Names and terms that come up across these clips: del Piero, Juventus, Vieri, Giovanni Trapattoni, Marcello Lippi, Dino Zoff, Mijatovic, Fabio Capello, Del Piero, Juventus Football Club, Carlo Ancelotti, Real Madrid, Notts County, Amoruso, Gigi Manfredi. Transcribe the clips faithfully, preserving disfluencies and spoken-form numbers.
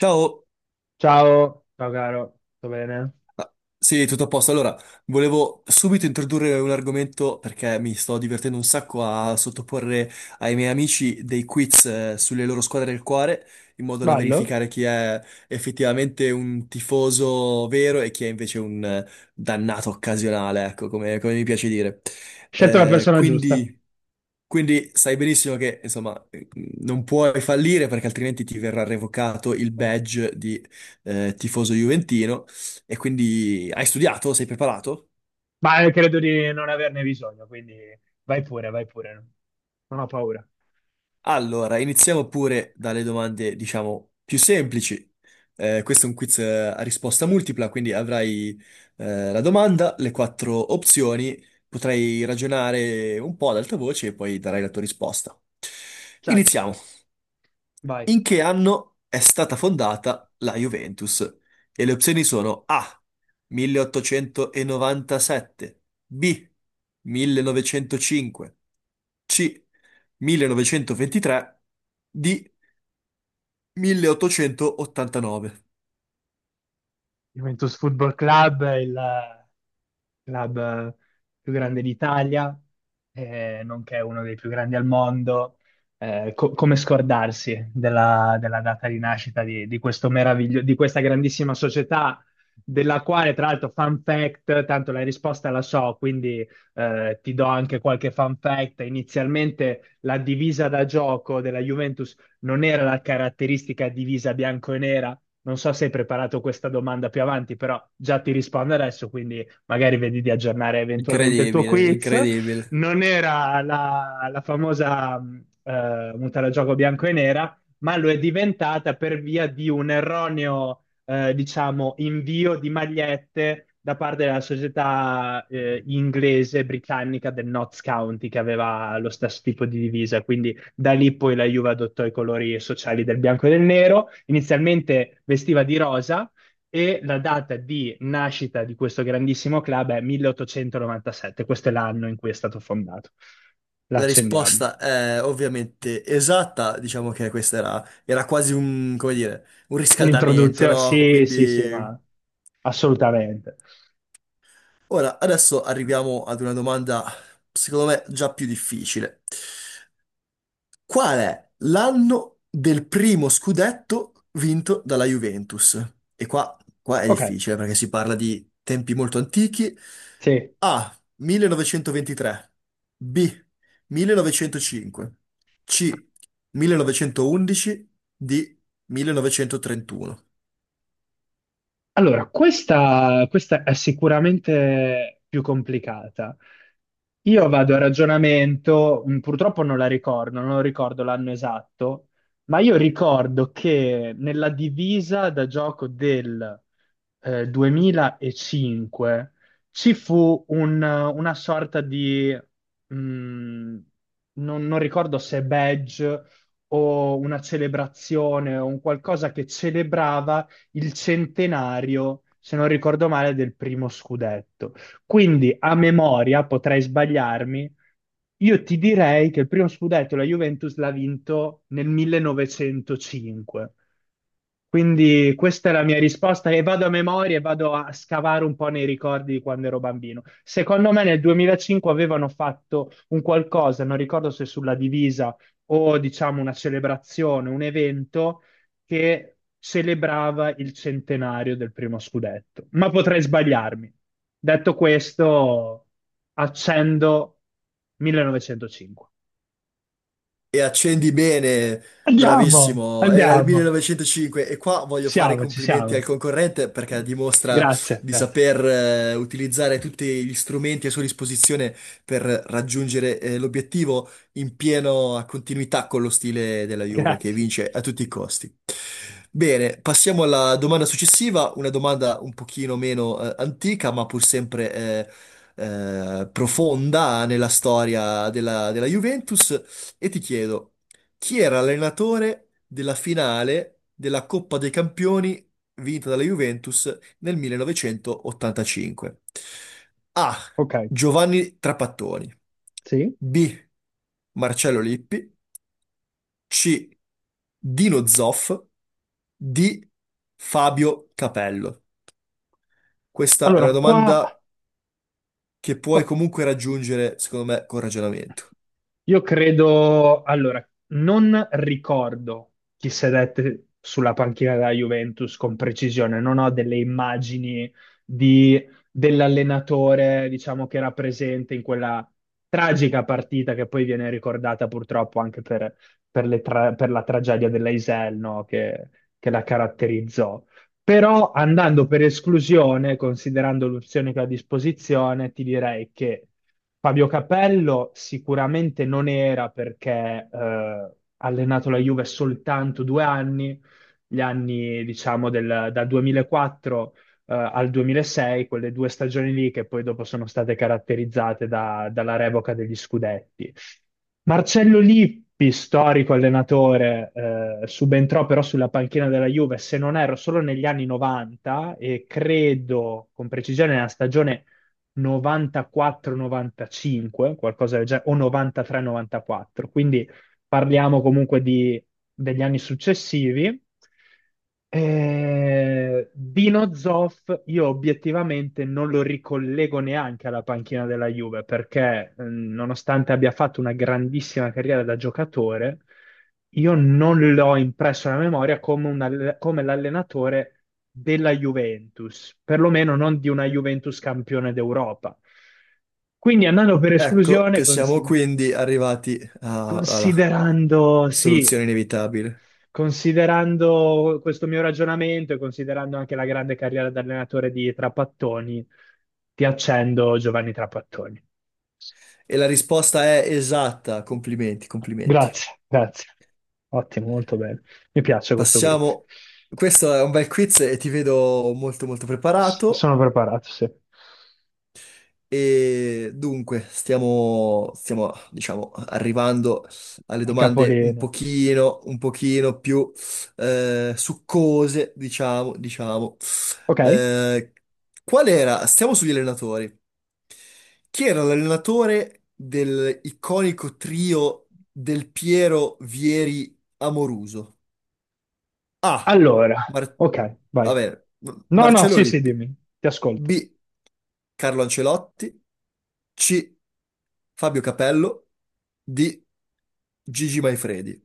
Ciao. Ciao, ciao caro, tutto bene? Ah, sì, tutto a posto. Allora, volevo subito introdurre un argomento perché mi sto divertendo un sacco a sottoporre ai miei amici dei quiz eh, sulle loro squadre del cuore, in modo da Ballo? verificare chi è effettivamente un tifoso vero e chi è invece un eh, dannato occasionale, ecco, come, come mi piace dire. Scelto la Eh, persona giusta, quindi... Quindi sai benissimo che, insomma, eh, non puoi fallire perché altrimenti ti verrà revocato il badge di eh, tifoso juventino e quindi hai studiato? Sei preparato? ma eh, credo di non averne bisogno, quindi vai pure, vai pure, non ho paura. Allora, iniziamo pure dalle domande, diciamo, più semplici. Eh, questo è un quiz eh, a risposta multipla, quindi avrai eh, la domanda, le quattro opzioni, potrai ragionare un po' ad alta voce e poi darai la tua risposta. Certo, Iniziamo. vai. In che anno è stata fondata la Juventus? E le opzioni sono A. milleottocentonovantasette, B. millenovecentocinque, C. millenovecentoventitré, D. milleottocentoottantanove. Juventus Football Club, il club più grande d'Italia, eh, nonché uno dei più grandi al mondo. Eh, co- come scordarsi della, della data di nascita di, di questo meraviglio- di questa grandissima società, della quale, tra l'altro, fun fact, tanto la risposta la so, quindi eh, ti do anche qualche fun fact. Inizialmente la divisa da gioco della Juventus non era la caratteristica divisa bianco e nera, non so se hai preparato questa domanda più avanti, però già ti rispondo adesso, quindi magari vedi di aggiornare eventualmente il tuo Incredibile, quiz. incredibile. Non era la, la famosa mh, eh, muta da gioco bianco e nera, ma lo è diventata per via di un erroneo, eh, diciamo, invio di magliette da parte della società eh, inglese britannica del Notts County, che aveva lo stesso tipo di divisa. Quindi da lì poi la Juve adottò i colori sociali del bianco e del nero, inizialmente vestiva di rosa e la data di nascita di questo grandissimo club è milleottocentonovantasette, questo è l'anno in cui è stato fondato. La La accendiamo. risposta è ovviamente esatta, diciamo che questa era, era quasi un, come dire, un riscaldamento, Un'introduzione? no? Sì, sì, sì, Quindi... ma assolutamente. Ora, adesso arriviamo ad una domanda, secondo me, già più difficile. Qual è l'anno del primo scudetto vinto dalla Juventus? E qua, qua è Ok, difficile perché si parla di tempi molto antichi. sì. A. millenovecentoventitré. B. millenovecentocinque. C. millenovecentoundici. D. millenovecentotrentuno. Allora, questa, questa è sicuramente più complicata. Io vado a ragionamento, mh, purtroppo non la ricordo, non ricordo l'anno esatto, ma io ricordo che nella divisa da gioco del eh, duemilacinque ci fu un- una sorta di, mh, non, non ricordo se badge o una celebrazione o un qualcosa che celebrava il centenario, se non ricordo male, del primo scudetto. Quindi a memoria, potrei sbagliarmi, io ti direi che il primo scudetto la Juventus l'ha vinto nel millenovecentocinque. Quindi questa è la mia risposta e vado a memoria e vado a scavare un po' nei ricordi di quando ero bambino. Secondo me nel duemilacinque avevano fatto un qualcosa, non ricordo se sulla divisa o diciamo una celebrazione, un evento che celebrava il centenario del primo scudetto, ma potrei sbagliarmi. Detto questo, accendo millenovecentocinque. E accendi bene, Andiamo, bravissimo. Era il andiamo. millenovecentocinque e qua Ci voglio fare i siamo, ci complimenti al siamo. concorrente perché dimostra Grazie, di grazie, saper eh, utilizzare tutti gli strumenti a sua disposizione per raggiungere eh, l'obiettivo in piena continuità con lo stile della Juve che grazie. vince a tutti i costi. Bene, passiamo alla domanda successiva, una domanda un pochino meno eh, antica, ma pur sempre eh, eh, profonda nella storia della della Juventus. E ti chiedo, chi era l'allenatore della finale della Coppa dei Campioni vinta dalla Juventus nel millenovecentoottantacinque? A. Ok, Giovanni Trapattoni. sì. B. Marcello Lippi. C. Dino Zoff. D. Fabio Capello. Questa è Allora, una qua, domanda che puoi qua- comunque raggiungere, secondo me, con ragionamento. io credo, allora, non ricordo chi sedette sulla panchina della Juventus con precisione, non ho delle immagini di- dell'allenatore, diciamo, che era presente in quella tragica partita che poi viene ricordata purtroppo anche per, per le tra- per la tragedia dell'Eisel, no? che che la caratterizzò. Però andando per esclusione, considerando l'opzione che ho a disposizione, ti direi che Fabio Capello sicuramente non era perché eh, ha allenato la Juve soltanto due anni, gli anni diciamo del, dal duemilaquattro eh, al duemilasei, quelle due stagioni lì che poi dopo sono state caratterizzate da- dalla revoca degli scudetti. Marcello Lippi, storico allenatore, eh, subentrò però sulla panchina della Juve, se non erro, solo negli anni novanta e credo con precisione nella stagione novantaquattro novantacinque, qualcosa del genere, o novantatré novantaquattro. Quindi parliamo comunque di- degli anni successivi. Eh, Dino Zoff io obiettivamente non lo ricollego neanche alla panchina della Juve perché eh, nonostante abbia fatto una grandissima carriera da giocatore, io non l'ho impresso nella memoria come, un alle- come l'allenatore della Juventus, perlomeno non di una Juventus campione d'Europa. Quindi andando per Ecco esclusione, che siamo consider- quindi arrivati a- alla considerando, sì, soluzione inevitabile. considerando questo mio ragionamento e considerando anche la grande carriera da allenatore di Trapattoni, ti accendo Giovanni Trapattoni. E la risposta è esatta. Complimenti, complimenti. Grazie, grazie. Ottimo, molto bene. Mi piace questo quiz. Passiamo. Questo è un bel quiz e ti vedo molto molto preparato. Sono preparato, sì. E dunque, stiamo, stiamo, diciamo, arrivando alle Al domande un capolinea. pochino, un pochino più eh, succose, diciamo, diciamo. Ok? Eh, qual era? Stiamo sugli allenatori. Chi era l'allenatore del iconico trio Del Piero, Vieri, Amoruso? A. Allora, Mar- ok, vai. vabbè, No, no, Marcello sì, sì, Lippi. dimmi, ti ascolto. B. Carlo Ancelotti. C. Fabio Capello. D. Gigi Manfredi.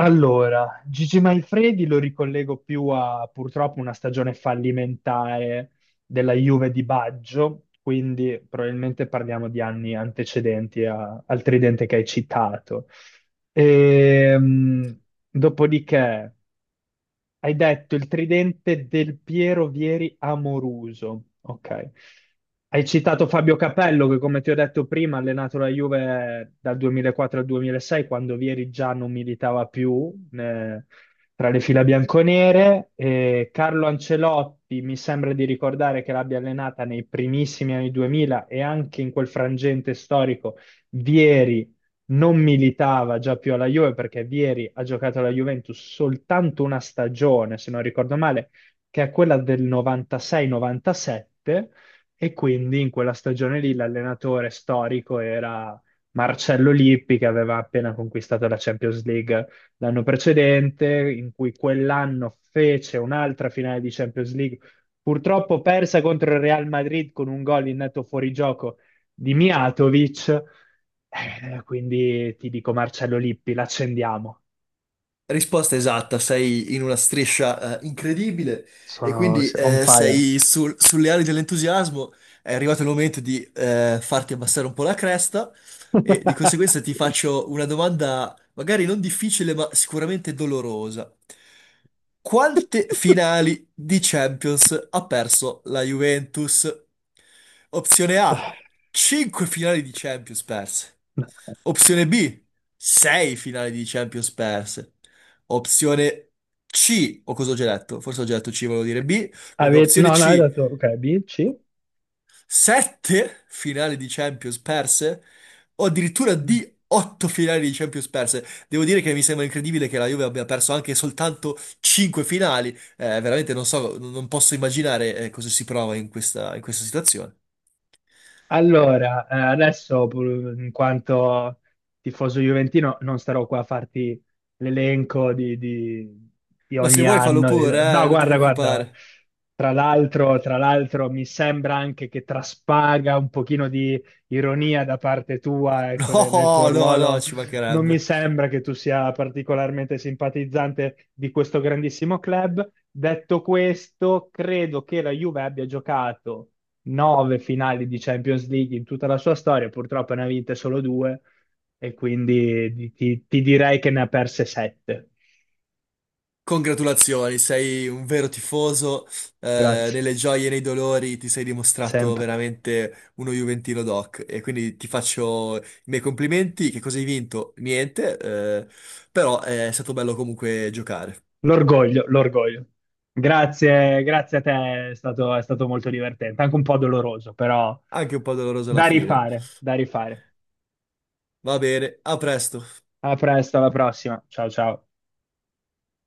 Allora, Gigi Manfredi lo ricollego più a purtroppo una stagione fallimentare della Juve di Baggio, quindi probabilmente parliamo di anni antecedenti a- al tridente che hai citato. Ehm, Dopodiché. Hai detto il tridente del Piero Vieri Amoruso. Ok. Hai citato Fabio Capello che, come ti ho detto prima, ha allenato la Juve dal duemilaquattro al duemilasei, quando Vieri già non militava più eh, tra le fila bianconere. E Carlo Ancelotti mi sembra di ricordare che l'abbia allenata nei primissimi anni duemila e anche in quel frangente storico Vieri non militava già più alla Juve perché Vieri ha giocato alla Juventus soltanto una stagione, se non ricordo male, che è quella del novantasei novantasette e quindi in quella stagione lì l'allenatore storico era Marcello Lippi che aveva appena conquistato la Champions League l'anno precedente, in cui quell'anno fece un'altra finale di Champions League. Purtroppo persa contro il Real Madrid con un gol in netto fuorigioco di Mijatovic. Eh, quindi ti dico Marcello Lippi, l'accendiamo. Risposta esatta, sei in una striscia eh, incredibile e Sono quindi on eh, fire. sei sul- sulle ali dell'entusiasmo, è arrivato il momento di eh, farti abbassare un po' la cresta e di conseguenza ti faccio una domanda magari non difficile ma sicuramente dolorosa. Quante finali di Champions ha perso la Juventus? Opzione A, cinque finali di Champions perse. Opzione B, sei finali di Champions perse. Opzione C, o cosa ho già detto? Forse ho già detto C, volevo dire B. Comunque, Ave- opzione No, no, hai C, dato, ok, B, C. sette finali di Champions perse, o addirittura D, otto finali di Champions perse. Devo dire che mi sembra incredibile che la Juve abbia perso anche soltanto cinque finali. Eh, veramente non so, non posso immaginare eh, cosa si prova in questa, in questa situazione. Allora, eh, adesso pur- in quanto tifoso juventino non starò qua a farti l'elenco di, di- di Ma se ogni vuoi fallo anno. pure, No, eh, non ti guarda, guarda, preoccupare. tra l'altro, tra l'altro mi sembra anche che traspaga un pochino di ironia da parte tua, ecco, de- nel tuo No, no, no, ruolo. ci Non mi mancherebbe. sembra che tu sia particolarmente simpatizzante di questo grandissimo club. Detto questo, credo che la Juve abbia giocato nove finali di Champions League in tutta la sua storia, purtroppo ne ha vinte solo due e quindi di- ti, ti direi che ne ha perse sette. Congratulazioni, sei un vero tifoso, eh, Grazie, nelle gioie e nei dolori ti sei dimostrato sempre. veramente uno Juventino doc e quindi ti faccio i miei complimenti, che cosa hai vinto? Niente, eh, però è stato bello comunque giocare, L'orgoglio, l'orgoglio. Grazie, grazie a te, è stato, è stato molto divertente, anche un po' doloroso, però anche un po' doloroso alla da fine. rifare, da rifare. Va bene, a presto. A presto, alla prossima. Ciao ciao.